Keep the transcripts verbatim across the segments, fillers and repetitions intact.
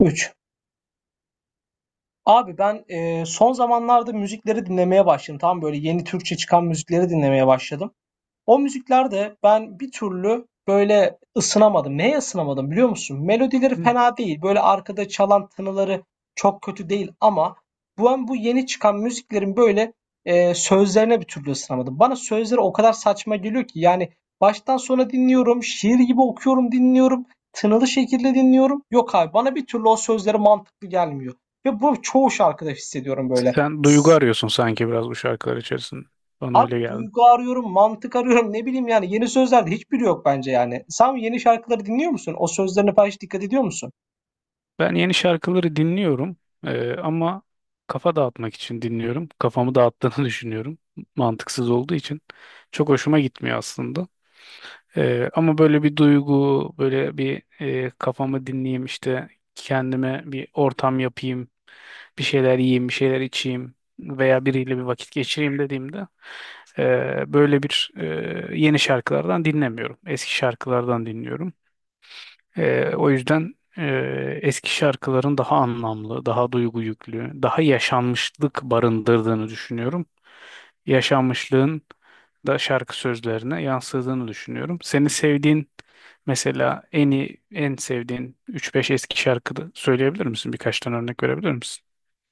üç. Abi ben, eee, son zamanlarda müzikleri dinlemeye başladım. tam Böyle yeni Türkçe çıkan müzikleri dinlemeye başladım. O müziklerde ben bir türlü böyle ısınamadım. Neye ısınamadım biliyor musun? Melodileri Hı. fena değil. Böyle arkada çalan tınıları çok kötü değil ama bu an bu yeni çıkan müziklerin böyle e, sözlerine bir türlü ısınamadım. Bana sözleri o kadar saçma geliyor ki yani baştan sona dinliyorum, şiir gibi okuyorum, dinliyorum, tınılı şekilde dinliyorum. Yok abi bana bir türlü o sözleri mantıklı gelmiyor. Ve bu çoğu şarkıda hissediyorum böyle. Sen duygu arıyorsun sanki biraz bu şarkılar içerisinde. Bana Abi öyle geldi. duygu arıyorum, mantık arıyorum. Ne bileyim yani yeni sözlerde hiçbiri yok bence yani. Sen yeni şarkıları dinliyor musun? O sözlerine falan hiç dikkat ediyor musun? Ben yeni şarkıları dinliyorum, eee, ama kafa dağıtmak için dinliyorum. Kafamı dağıttığını düşünüyorum. Mantıksız olduğu için. Çok hoşuma gitmiyor aslında. Eee, ama böyle bir duygu, böyle bir eee, kafamı dinleyeyim işte, kendime bir ortam yapayım, bir şeyler yiyeyim, bir şeyler içeyim veya biriyle bir vakit geçireyim dediğimde Ee, böyle bir e, yeni şarkılardan dinlemiyorum. Eski şarkılardan dinliyorum. Ee, o yüzden e, eski şarkıların daha anlamlı, daha duygu yüklü, daha yaşanmışlık barındırdığını düşünüyorum. Yaşanmışlığın da şarkı sözlerine yansıdığını düşünüyorum. Seni sevdiğin, mesela en iyi, en sevdiğin üç beş eski şarkıda söyleyebilir misin? Birkaç tane örnek verebilir misin?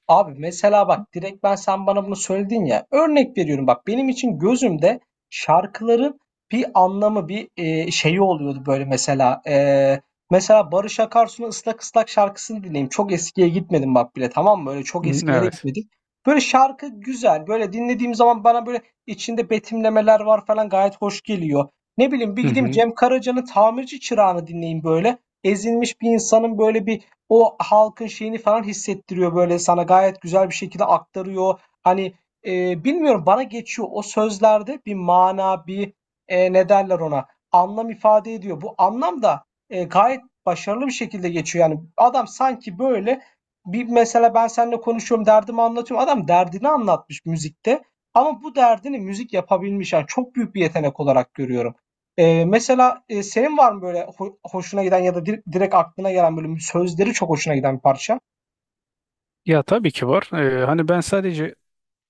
Abi mesela bak direkt ben sen bana bunu söyledin ya. Örnek veriyorum bak benim için gözümde şarkıların bir anlamı bir e, şeyi oluyordu böyle mesela. E, mesela Barış Akarsu'nun ıslak ıslak şarkısını dinleyeyim. Çok eskiye gitmedim bak bile, tamam mı? Öyle çok Hı, eskilere evet. gitmedik. Böyle şarkı güzel. Böyle dinlediğim zaman bana böyle içinde betimlemeler var falan, gayet hoş geliyor. Ne bileyim, bir Hı gideyim hı. Cem Karaca'nın Tamirci Çırağı'nı dinleyeyim böyle. Ezilmiş bir insanın böyle bir o halkın şeyini falan hissettiriyor, böyle, sana gayet güzel bir şekilde aktarıyor. Hani, eee, bilmiyorum, bana geçiyor. O sözlerde bir mana, bir, eee, ne derler ona, anlam ifade ediyor. Bu anlam da, eee, gayet başarılı bir şekilde geçiyor. Yani adam sanki, böyle, bir mesela ben seninle konuşuyorum, derdimi anlatıyorum. Adam derdini anlatmış müzikte ama bu derdini müzik yapabilmiş. Yani çok büyük bir yetenek olarak görüyorum. Eee, mesela, eee, senin var mı böyle ho hoşuna giden ya da dir direkt aklına gelen böyle sözleri çok hoşuna giden bir parça? Ya tabii ki var. Ee, hani ben sadece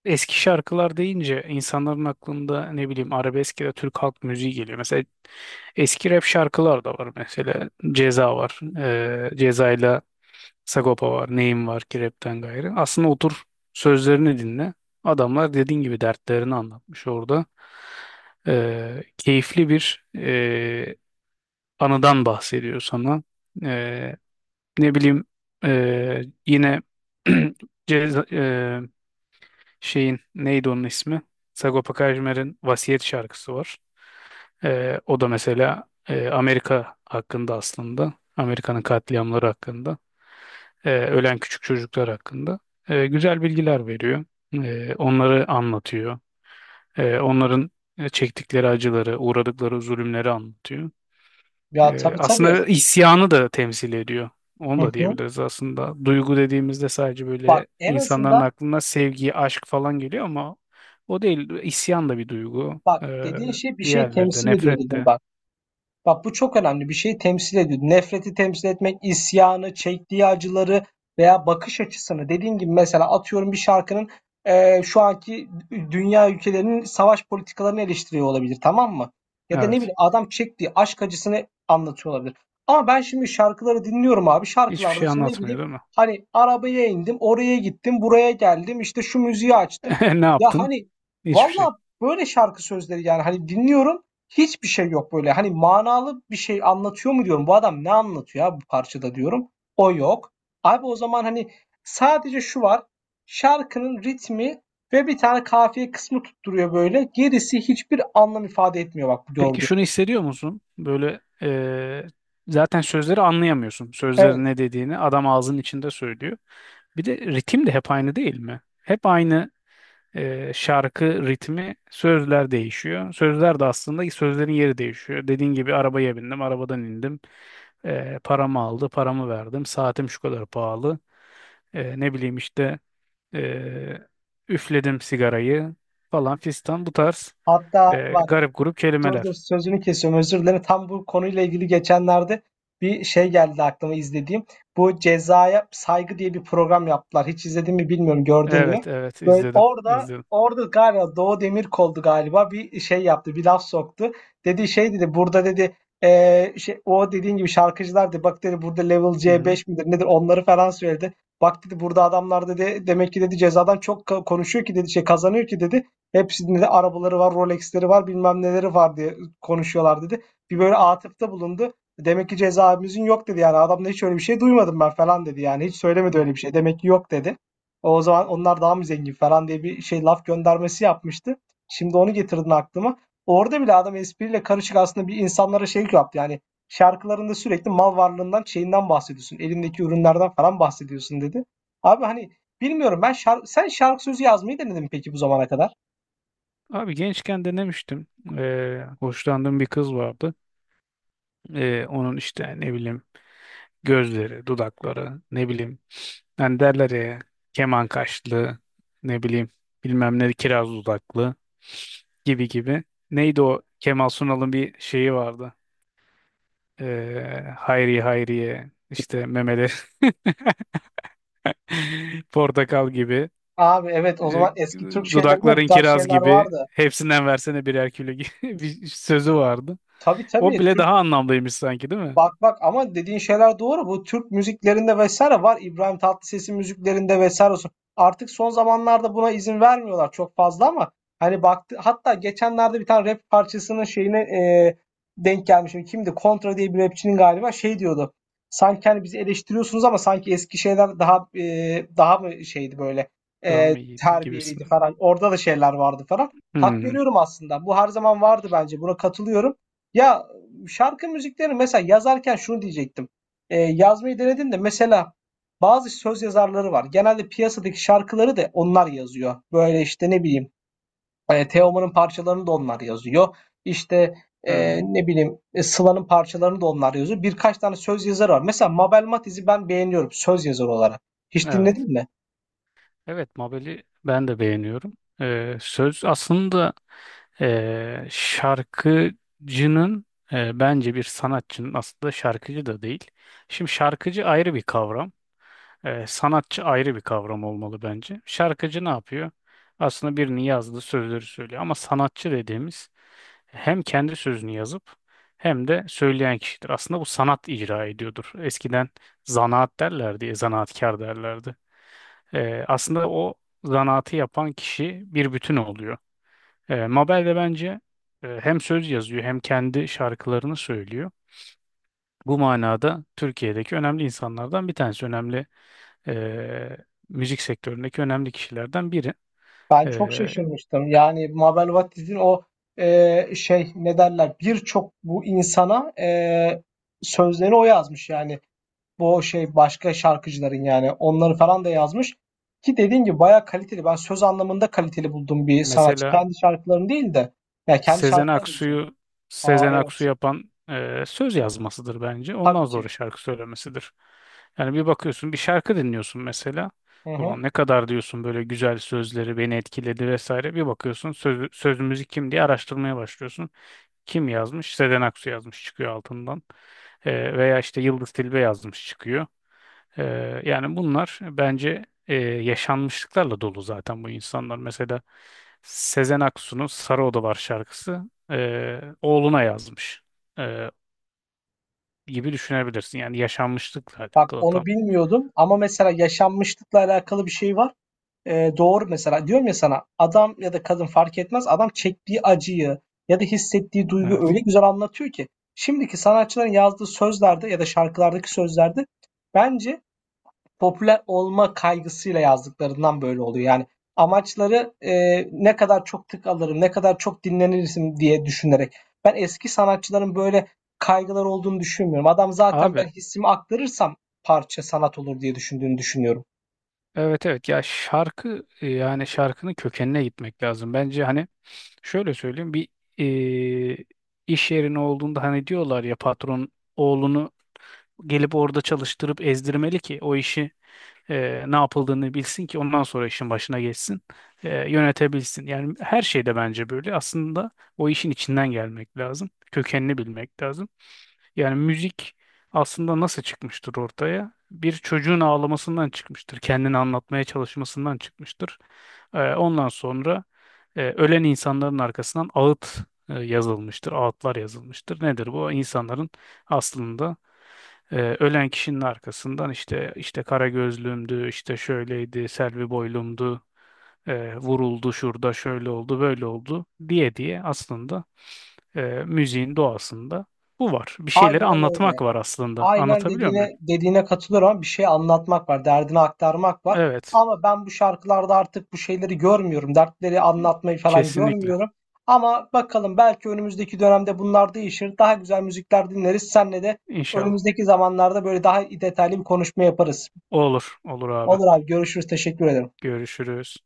eski şarkılar deyince insanların aklında ne bileyim arabesk ya da Türk halk müziği geliyor. Mesela eski rap şarkılar da var mesela. Ceza var. Ee, Ceza'yla Sagopa var. Neyim var ki rapten gayrı. Aslında otur sözlerini dinle. Adamlar dediğin gibi dertlerini anlatmış orada. Ee, keyifli bir e, anıdan bahsediyor sana. Ee, ne bileyim e, yine Ceza, ee, şeyin neydi onun ismi? Sagopa Kajmer'in Vasiyet şarkısı var. Ee, o da mesela e, Amerika hakkında aslında. Amerika'nın katliamları hakkında. E, ölen küçük çocuklar hakkında. E, güzel bilgiler veriyor. E, onları anlatıyor. E, onların e, çektikleri acıları, uğradıkları zulümleri anlatıyor. Ya, Ee, tabii, tabii. Aslında isyanı da temsil ediyor. Hı Onu da hı. diyebiliriz aslında. Duygu dediğimizde sadece Bak, böyle en insanların azından aklına sevgi, aşk falan geliyor ama o değil. İsyan da bir duygu. bak, Ee, dediğin şey bir şey Diğerleri de, temsil ediyor nefret dedim de. bak. Bak, bu çok önemli. Bir şeyi temsil ediyor. Nefreti temsil etmek, isyanı, çektiği acıları veya bakış açısını. Dediğim gibi mesela atıyorum, bir şarkının eee, şu anki dünya ülkelerinin savaş politikalarını eleştiriyor olabilir, tamam mı? Ya da ne Evet. bileyim adam çektiği aşk acısını anlatıyor olabilir. Ama ben şimdi şarkıları dinliyorum abi. Hiçbir Şarkılarda şey şimdi ne anlatmıyor bileyim değil mi? hani arabaya indim, oraya gittim, buraya geldim, işte şu müziği açtım. Ne Ya yaptın? hani Hiçbir şey. valla böyle şarkı sözleri, yani hani dinliyorum. Hiçbir şey yok böyle. Hani manalı bir şey anlatıyor mu diyorum. Bu adam ne anlatıyor ya bu parçada diyorum. O yok. Abi o zaman hani sadece şu var. Şarkının ritmi ve bir tane kafiye kısmı tutturuyor böyle. Gerisi hiçbir anlam ifade etmiyor, bak, bu Peki gördüğün. şunu hissediyor musun? Böyle, e, zaten sözleri anlayamıyorsun. Evet. Sözlerin ne dediğini adam ağzının içinde söylüyor. Bir de ritim de hep aynı değil mi? Hep aynı e, şarkı ritmi, sözler değişiyor. Sözler de aslında sözlerin yeri değişiyor. Dediğin gibi arabaya bindim, arabadan indim. E, paramı aldı, paramı verdim. Saatim şu kadar pahalı. E, ne bileyim işte e, üfledim sigarayı, falan fistan, bu tarz Hatta e, var. garip grup Dur dur, kelimeler. sözünü kesiyorum, özür dilerim. Tam bu konuyla ilgili geçenlerde bir şey geldi aklıma, izlediğim. Bu Cezaya Saygı diye bir program yaptılar. Hiç izledin mi bilmiyorum, gördün mü? Evet, evet Böyle izledim, orada izledim. orada galiba Doğu Demirkol'du galiba, bir şey yaptı, bir laf soktu. Dedi, şey dedi, burada dedi eee, şey, o dediğin gibi şarkıcılar dedi, bak dedi, burada level Hı hı. C beş midir nedir onları falan söyledi. Bak dedi, burada adamlar dedi, demek ki dedi cezadan çok ka- konuşuyor ki dedi, şey kazanıyor ki dedi. Hepsinde de arabaları var, Rolex'leri var, bilmem neleri var diye konuşuyorlar dedi. Bir böyle atıfta bulundu. Demek ki cezaevimizin yok dedi yani. Adam da hiç öyle bir şey duymadım ben falan dedi yani. Hiç söylemedi öyle bir şey. Demek ki yok dedi. O zaman onlar daha mı zengin falan diye bir şey, laf göndermesi yapmıştı. Şimdi onu getirdin aklıma. Orada bile adam espriyle karışık aslında bir insanlara şey yaptı. Yani şarkılarında sürekli mal varlığından, şeyinden bahsediyorsun. Elindeki ürünlerden falan bahsediyorsun dedi. Abi hani bilmiyorum ben şar- sen şarkı sözü yazmayı denedin mi peki bu zamana kadar? Abi gençken denemiştim. E, hoşlandığım bir kız vardı. E, onun işte ne bileyim gözleri, dudakları, ne bileyim. Yani derler ya, keman kaşlı, ne bileyim, bilmem ne kiraz dudaklı gibi gibi. Neydi o Kemal Sunal'ın bir şeyi vardı. Ee, hayriye hayriye işte, memeleri portakal gibi, Abi evet, o e, zaman eski Türk şeylerinde bu dudakların tarz kiraz şeyler gibi, vardı. hepsinden versene birer kilo gibi bir sözü vardı. Tabii, O tabii. bile Türk. daha anlamlıymış sanki değil mi? Bak bak, ama dediğin şeyler doğru. Bu Türk müziklerinde vesaire var. İbrahim Tatlıses'in müziklerinde vesaire olsun. Artık son zamanlarda buna izin vermiyorlar çok fazla ama hani baktı, hatta geçenlerde bir tane rap parçasının şeyine e, denk gelmişim. Kimdi? Kontra diye bir rapçinin galiba şey diyordu. Sanki hani bizi eleştiriyorsunuz ama sanki eski şeyler daha e, daha mı şeydi böyle Daha e, mı iyiydi gibisin. terbiyeliydi falan. Orada da şeyler vardı falan. Hak Hmm, veriyorum aslında. Bu her zaman vardı bence. Buna katılıyorum. Ya şarkı müzikleri mesela yazarken şunu diyecektim. Ee, yazmayı denedim de mesela bazı söz yazarları var. Genelde piyasadaki şarkıları da onlar yazıyor. Böyle işte ne bileyim e, Teoman'ın parçalarını da onlar yazıyor. İşte e, hmm, ne bileyim e, Sıla'nın parçalarını da onlar yazıyor. Birkaç tane söz yazarı var. Mesela Mabel Matiz'i ben beğeniyorum söz yazarı olarak. Hiç evet. dinledin mi? Evet, Mabel'i ben de beğeniyorum. Ee, söz aslında, ee, şarkıcının, ee, bence bir sanatçının aslında şarkıcı da değil. Şimdi şarkıcı ayrı bir kavram. Ee, sanatçı ayrı bir kavram olmalı bence. Şarkıcı ne yapıyor? Aslında birini yazdığı sözleri söylüyor. Ama sanatçı dediğimiz hem kendi sözünü yazıp hem de söyleyen kişidir. Aslında bu sanat icra ediyordur. Eskiden zanaat derlerdi, zanaatkar derlerdi. Ee, aslında o zanaatı yapan kişi bir bütün oluyor. Ee, Mabel de bence e, hem söz yazıyor hem kendi şarkılarını söylüyor. Bu manada Türkiye'deki önemli insanlardan bir tanesi, önemli e, müzik sektöründeki önemli kişilerden biri. Ben E, çok şaşırmıştım. Yani Mabel Matiz'in o e, şey ne derler, birçok bu insana e, sözlerini o yazmış yani. bu şey başka şarkıcıların yani onları falan da yazmış. Ki dediğim gibi bayağı kaliteli. Ben söz anlamında kaliteli bulduğum bir sanatçı. Mesela Kendi şarkılarını değil de. Ya kendi Sezen şarkıları da güzel. Aksu'yu Aa, Sezen Aksu evet. yapan e, söz yazmasıdır bence. Tabii Ondan sonra ki. şarkı söylemesidir. Yani bir bakıyorsun, bir şarkı dinliyorsun mesela. Hı hı. Ulan ne kadar diyorsun böyle, güzel sözleri beni etkiledi vesaire. Bir bakıyorsun söz, söz müzik kim diye araştırmaya başlıyorsun. Kim yazmış? Sezen Aksu yazmış çıkıyor altından. E, veya işte Yıldız Tilbe yazmış çıkıyor. Ee, yani bunlar bence e, yaşanmışlıklarla dolu zaten bu insanlar. Mesela Sezen Aksu'nun Sarı Odalar şarkısı e, oğluna yazmış e, gibi düşünebilirsin. Yani yaşanmışlıkla Bak, alakalı onu tam. bilmiyordum ama mesela yaşanmışlıkla alakalı bir şey var. Ee, doğru mesela. Diyorum ya sana, adam ya da kadın fark etmez. Adam çektiği acıyı ya da hissettiği duygu Evet. öyle güzel anlatıyor ki. Şimdiki sanatçıların yazdığı sözlerde ya da şarkılardaki sözlerde bence popüler olma kaygısıyla yazdıklarından böyle oluyor. Yani amaçları e, ne kadar çok tık alırım, ne kadar çok dinlenirsin diye düşünerek. Ben eski sanatçıların böyle kaygılar olduğunu düşünmüyorum. Adam zaten, Abi ben hissimi aktarırsam parça sanat olur diye düşündüğünü düşünüyorum. evet, evet, ya şarkı, e, yani şarkının kökenine gitmek lazım. Bence hani şöyle söyleyeyim, bir e, iş yerine olduğunda hani diyorlar ya, patron oğlunu gelip orada çalıştırıp ezdirmeli ki o işi e, ne yapıldığını bilsin ki ondan sonra işin başına geçsin, e, yönetebilsin. Yani her şeyde bence böyle. Aslında o işin içinden gelmek lazım, kökenini bilmek lazım. Yani müzik aslında nasıl çıkmıştır ortaya? Bir çocuğun ağlamasından çıkmıştır, kendini anlatmaya çalışmasından çıkmıştır. E, ondan sonra e, ölen insanların arkasından ağıt e, yazılmıştır, ağıtlar yazılmıştır. Nedir bu? İnsanların aslında, ee, ölen kişinin arkasından işte, işte kara gözlüğümdü, işte şöyleydi, Selvi boylumdu, e, vuruldu şurada, şöyle oldu, böyle oldu diye diye aslında e, müziğin doğasında bu var. Bir şeyleri Aynen öyle. anlatmak var aslında. Aynen Anlatabiliyor muyum? dediğine dediğine katılıyorum ama bir şey anlatmak var, derdini aktarmak var. Evet, Ama ben bu şarkılarda artık bu şeyleri görmüyorum. Dertleri anlatmayı falan kesinlikle. görmüyorum. Ama bakalım, belki önümüzdeki dönemde bunlar değişir. Daha güzel müzikler dinleriz. Senle de İnşallah. önümüzdeki zamanlarda böyle daha detaylı bir konuşma yaparız. Olur, olur abi. Olur abi, görüşürüz. Teşekkür ederim. Görüşürüz.